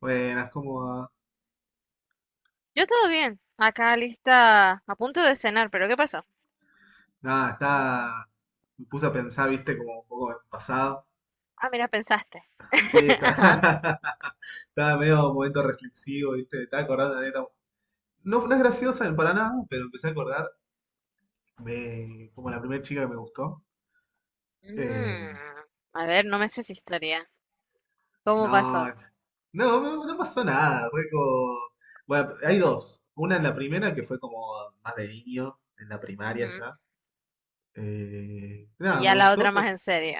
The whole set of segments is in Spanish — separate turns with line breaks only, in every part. Buenas, ¿cómo va?
Yo todo bien, acá lista, a punto de cenar, pero ¿qué pasó?
Nada, está. Me puse a pensar, viste, como un poco en el pasado.
Ah, mira, pensaste.
Sí, está.
Ajá.
Estaba medio momento reflexivo, viste, me estaba acordando de neta. No, no es graciosa para nada, pero empecé a acordar de como la primera chica que me gustó.
Mm,
Eh,
a ver, no me sé si historia. ¿Cómo
no,
pasó?
no, no, no pasó nada. Fue como. Bueno, hay dos. Una en la primera que fue como más de niño, en la primaria
Ujú.
ya.
Y
Nada, me
ya la
gustó,
otra
pero.
más en serio.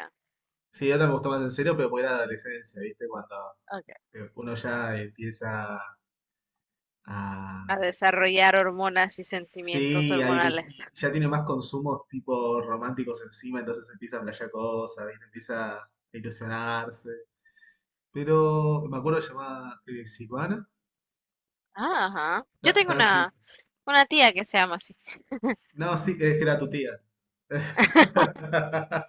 Sí, otra me gustó más en serio, pero porque era adolescencia, ¿viste? Cuando
Ok.
uno ya empieza
A
a...
desarrollar hormonas y sentimientos
Sí, a ilus- y
hormonales.
ya tiene más consumos tipo románticos encima, entonces empieza a playar cosas, ¿viste? Empieza a ilusionarse. Pero me acuerdo que se llamaba Silvana.
Ah, ajá. Yo
Ta-
tengo
estaba en prim-
una tía que se llama así.
No, sí, es que era tu tía.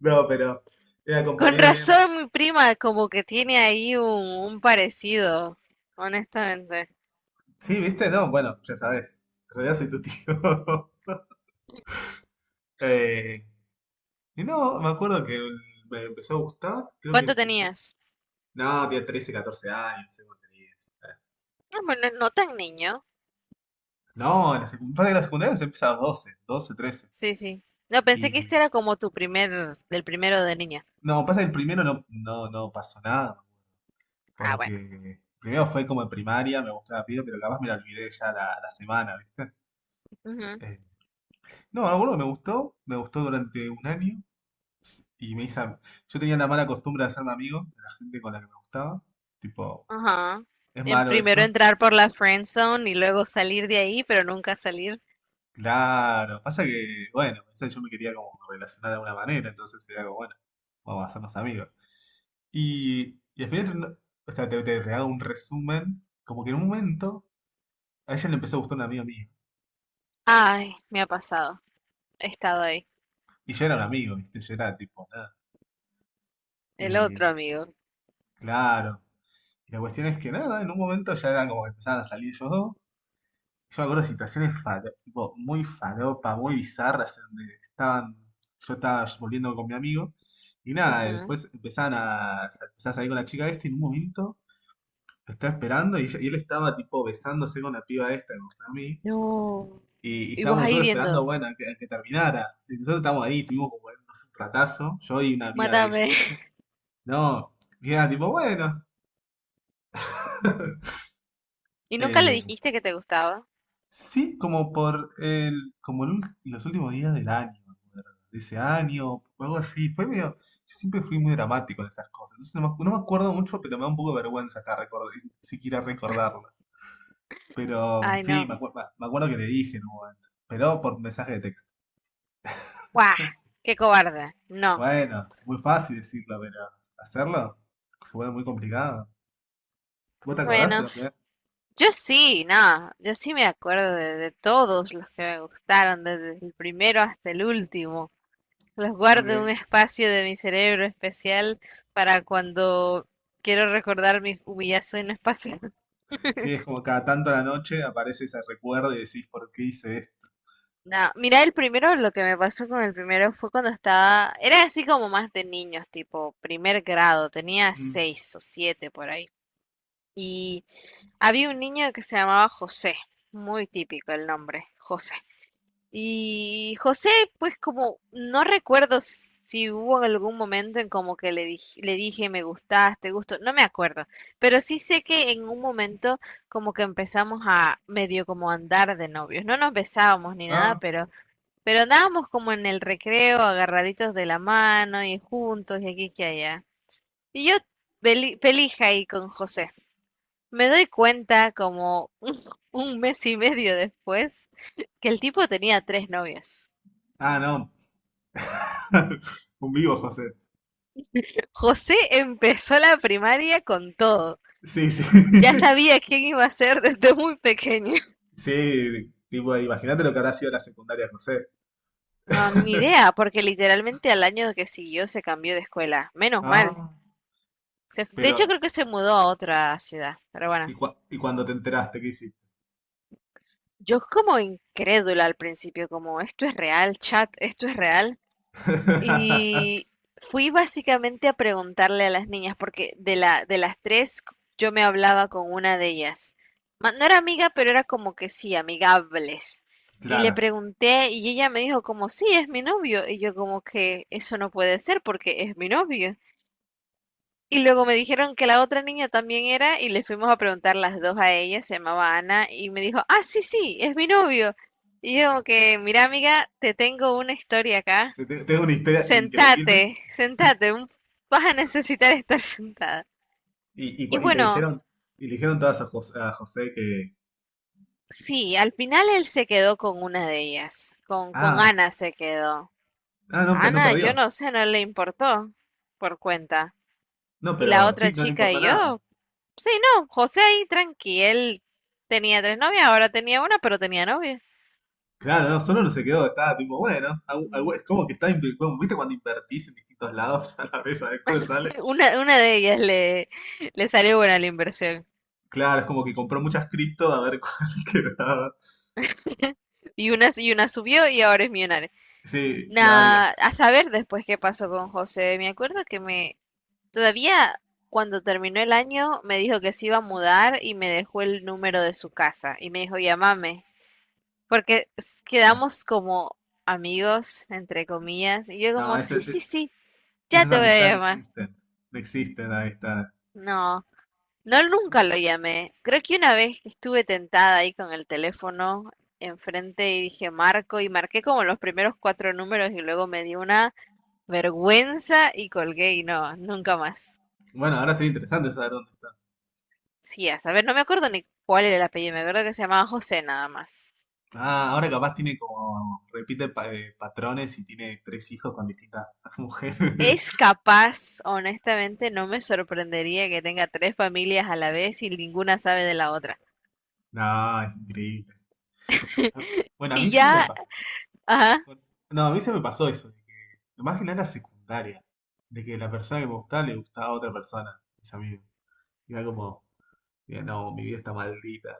No, pero era
Con
compañera bien.
razón, mi prima como que tiene ahí un parecido, honestamente.
Sí, ¿viste? No, bueno, ya sabes. En realidad soy tu tío. Eh, y no, me acuerdo que me empezó a gustar, creo que
¿Cuánto
en primer
tenías?
No, tiene 13, 14 años, no sé cuánto tenía.
Ah, bueno, no tan niño.
No, en la secu- pasa que la secundaria se empieza a los 12 12, 13.
Sí, sí. No, pensé que
Y
este era como tu primer, del primero de niña.
no, pasa que el primero no pasó nada,
Ah, bueno.
porque primero fue como en primaria, me gustó la piba, pero capaz me la olvidé ya la semana, ¿viste?
Ujú,
Eh, no, me acuerdo que me gustó durante un año y me hice... am- Yo tenía la mala costumbre de hacerme amigo de la gente con la que me gustaba. Tipo,
ajá.
es
En
malo
primero
eso.
entrar por la friend zone y luego salir de ahí, pero nunca salir.
Claro, pasa que, bueno, o sea, yo me quería como relacionar de alguna manera, entonces era como, bueno, vamos a hacernos amigos. Y al final, no- o sea, te hago un resumen, como que en un momento a ella le empezó a gustar un amigo mío.
Ay, me ha pasado. He estado ahí.
Y yo era un amigo, ¿viste? Yo era tipo, nada.
El otro
eh,
amigo.
claro. Y la cuestión es que nada, en un momento ya era como que empezaban a salir ellos dos. Yo me acuerdo de situaciones faro- tipo, muy faropa, muy bizarras, en donde estaban, yo estaba volviendo con mi amigo, y nada, y
Ujú.
después empezaban a, empezaba a salir con la chica esta, y en un momento lo estaba esperando, y, ella- y él estaba tipo besándose con la piba esta, con a mí,
No.
y
Y vos
estábamos
ahí
nosotros esperando,
viendo.
bueno, a que terminara. Y nosotros estábamos ahí, tuvimos como un ratazo, yo y una amiga de ella.
Mátame.
No, y era tipo, bueno.
¿Y nunca le
Eh,
dijiste que te gustaba?
Sí, como por el, como el ul- los últimos días del año, me acuerdo, de ese año, o algo así. Fue medio, yo siempre fui muy dramático en esas cosas. Entonces no me, acu- no me acuerdo mucho, pero me da un poco de vergüenza acá recordar, siquiera recordarlo. Pero
Ay,
sí,
no.
me, acuer- me acuerdo que le dije en un momento, pero por mensaje de texto.
¡Guau! ¡Qué cobarde! No.
Bueno, muy fácil decirlo, pero hacerlo se vuelve muy complicado. ¿Vos te acordaste? La
Menos.
primera-
Yo sí, no, yo sí me acuerdo de todos los que me gustaron, desde el primero hasta el último. Los guardo en un
Ok.
espacio de mi cerebro especial para cuando quiero recordar mis humillaciones pasadas.
Sí, es como cada tanto a la noche aparece ese recuerdo y decís, ¿por qué hice esto?
No, mira, el primero, lo que me pasó con el primero fue cuando estaba, era así como más de niños, tipo primer grado, tenía
Mm.
6 o 7 por ahí. Y había un niño que se llamaba José, muy típico el nombre, José. Y José, pues como no recuerdo si hubo algún momento en como que le dije me gustas, te gusto, no me acuerdo, pero sí sé que en un momento como que empezamos a medio como andar de novios, no nos besábamos ni nada,
Ah,
pero andábamos como en el recreo agarraditos de la mano y juntos y aquí que allá. Y yo feliz ahí con José. Me doy cuenta como un mes y medio después que el tipo tenía tres novias.
ah, no. Un vivo, José.
José empezó la primaria con todo.
Sí, sí.
Ya sabía quién iba a ser desde muy pequeño.
Sí, tipo, imagínate lo que habrá sido la secundaria, José.
No, ni idea, porque literalmente al año que siguió se cambió de escuela. Menos mal.
Ah,
De hecho,
pero,
creo que se mudó a otra ciudad. Pero
¿y,
bueno,
cua- y cuando te enteraste, qué hiciste?
yo como incrédula al principio, como esto es real, chat, esto es real. Y fui básicamente a preguntarle a las niñas, porque de la, de las tres yo me hablaba con una de ellas. No era amiga, pero era como que sí, amigables. Y le
Claro.
pregunté y ella me dijo como, sí, es mi novio. Y yo como que eso no puede ser porque es mi novio. Y luego me dijeron que la otra niña también era y le fuimos a preguntar las dos a ella, se llamaba Ana, y me dijo, ah, sí, sí, es mi novio. Y yo como que, mira amiga, te tengo una historia acá.
Tengo una historia increíble.
Sentate, sentate, vas a necesitar estar sentada. Y
Cua-
bueno,
y le dijeron todas a José que,
sí, al final él se quedó con una de ellas, con
ah,
Ana se quedó.
ah, no, pe- no
Ana, yo
perdió.
no sé, no le importó por cuenta.
No,
Y la
pero
otra
sí, no le
chica
importa
y
nada.
yo, sí, no, José ahí tranqui, él tenía tres novias, ahora tenía una, pero tenía novia.
Claro, no, solo no se quedó, estaba tipo, bueno, algo- algo-
Mm,
es como que está, inv- como, ¿viste cuando invertís en distintos lados a la vez a ver cuál sale?
una de ellas le salió buena la inversión.
Claro, es como que compró muchas cripto a ver cuál quedaba.
Y una subió y ahora es millonaria.
Sí, y ahora ya-
Nah, a saber después qué pasó con José. Me acuerdo que todavía cuando terminó el año, me dijo que se iba a mudar y me dejó el número de su casa y me dijo, llámame, porque
ah,
quedamos como amigos, entre comillas, y yo
no,
como,
ese-
sí, sí,
e-
sí, ya
esas
te voy a
amistades no
llamar.
existen. No existen las amistades.
No, no nunca lo llamé. Creo que una vez que estuve tentada ahí con el teléfono enfrente y dije Marco y marqué como los primeros cuatro números y luego me di una vergüenza y colgué y no, nunca más.
Bueno, ahora sería interesante saber dónde está.
Sí, a saber, no me acuerdo ni cuál era el apellido, me acuerdo que se llamaba José nada más.
Ah, ahora capaz tiene como, repite pa- patrones y tiene tres hijos con distintas mujeres.
Es capaz, honestamente, no me sorprendería que tenga tres familias a la vez y ninguna sabe de la otra.
No, es increíble. Bueno, a
Y
mí sí me
ya,
pasó.
ajá,
Bueno, no, a mí se me pasó eso, de que, más que nada en la secundaria, de que la persona que me gustaba le gustaba a otra persona, mis amigos. Y era como, mira, no, mi vida está maldita.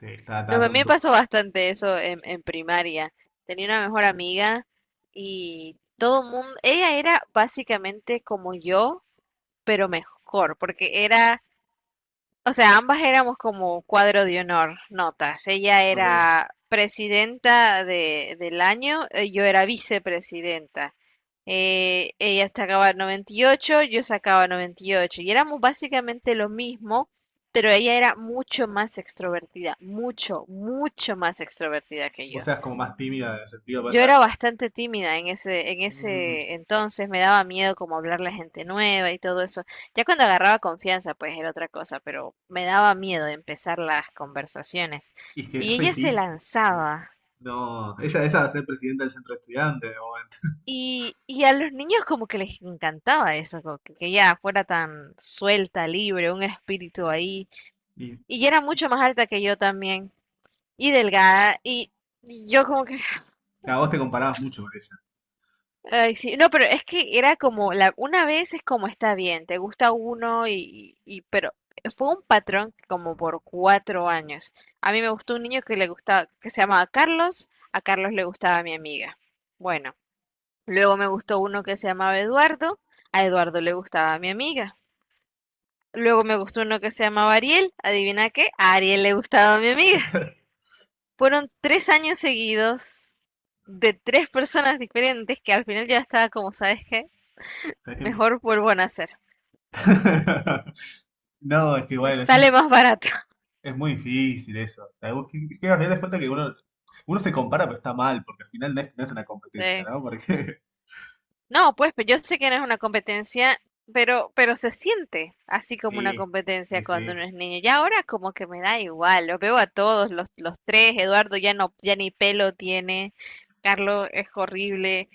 Sí, estaba,
no,
estaba
a
todo
mí me pasó
embrujado.
bastante eso en primaria. Tenía una mejor amiga y todo mundo, ella era básicamente como yo, pero mejor, porque era o sea, ambas éramos como cuadro de honor, notas. Ella
Ok.
era presidenta de, del año, yo era vicepresidenta. Ella sacaba 98, yo sacaba 98. Y ocho. Y éramos básicamente lo mismo, pero ella era mucho más extrovertida, mucho, mucho más extrovertida que yo.
Vos seas como más tímida en el sentido, vos
Yo
seas
era
como.
bastante tímida en ese, en
"Mm".
ese entonces, me daba miedo como hablarle a gente nueva y todo eso. Ya cuando agarraba confianza, pues era otra cosa, pero me daba miedo empezar las conversaciones.
Y es que
Y
es re
ella se
difícil. Sí.
lanzaba.
No, ella esa va a ser presidenta del centro de estudiantes de momento.
Y a los niños como que les encantaba eso, como que ella fuera tan suelta, libre, un espíritu ahí.
Y,
Y era
y
mucho más alta que yo también, y delgada, y yo como que.
a vos te comparabas mucho con ella.
Ay, sí, no, pero es que era como la una vez es como está bien, te gusta uno y pero fue un patrón como por 4 años. A mí me gustó un niño que le gustaba, que se llamaba Carlos, a Carlos le gustaba mi amiga. Bueno, luego me gustó uno que se llamaba Eduardo, a Eduardo le gustaba mi amiga. Luego me gustó uno que se llamaba Ariel, adivina qué, a Ariel le gustaba mi amiga. Fueron 3 años seguidos de tres personas diferentes que al final yo ya estaba como, ¿sabes qué?
Tenés que-
Mejor vuelvo a nacer.
No, es que
Me
bueno, eso
sale más barato.
es muy difícil eso. O sea, vos que al final te das cuenta que uno, uno se compara, pero está mal, porque al final no es, no es una competencia,
Sí.
¿no? Porque
No, pues pero yo sé que no es una competencia, pero se siente así como una
sí,
competencia
sí,
cuando
sí.
uno es niño. Ya ahora como que me da igual, los veo a todos, los tres, Eduardo ya no, ya ni pelo tiene, Carlos es horrible,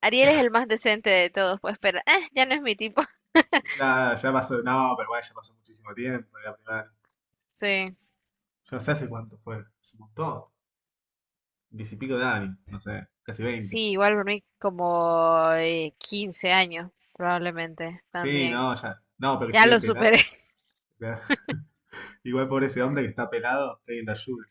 Ariel es el más decente de todos, pues, pero ya no es mi tipo.
Nada, ya pasó, no, pero bueno, ya pasó muchísimo tiempo de la primera.
Sí,
Yo no sé hace cuánto fue. Hace un montón. Diez y pico de años, no sé, casi veinte.
sí, igual por como 15 años, probablemente,
Sí,
también.
no, ya. No, pero que se
Ya
quede
lo superé.
pelado. Ya. Igual por ese hombre que está pelado, la ayuda.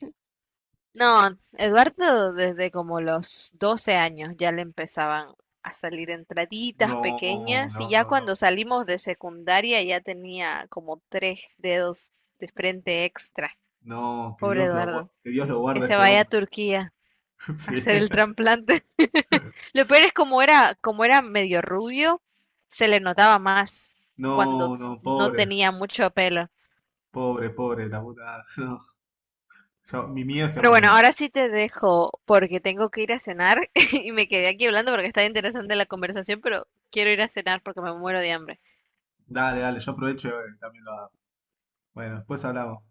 No, Eduardo desde como los 12 años ya le empezaban a salir entraditas
No,
pequeñas y
no,
ya
no, no.
cuando salimos de secundaria ya tenía como tres dedos de frente extra.
No, que
Pobre
Dios lo, gua-
Eduardo,
que Dios lo
que
guarde a
se
ese
vaya a
hombre.
Turquía a
Sí.
hacer el trasplante. Lo peor es como era medio rubio, se le notaba más cuando
No, no,
no
pobre,
tenía mucho pelo.
pobre, pobre, la puta. No. Yo, mi miedo es que
Pero
me
bueno,
pelado.
ahora sí te dejo porque tengo que ir a cenar y me quedé aquí hablando porque está interesante la conversación, pero quiero ir a cenar porque me muero de hambre.
Dale, dale, yo aprovecho y también lo hago. Bueno, después hablamos.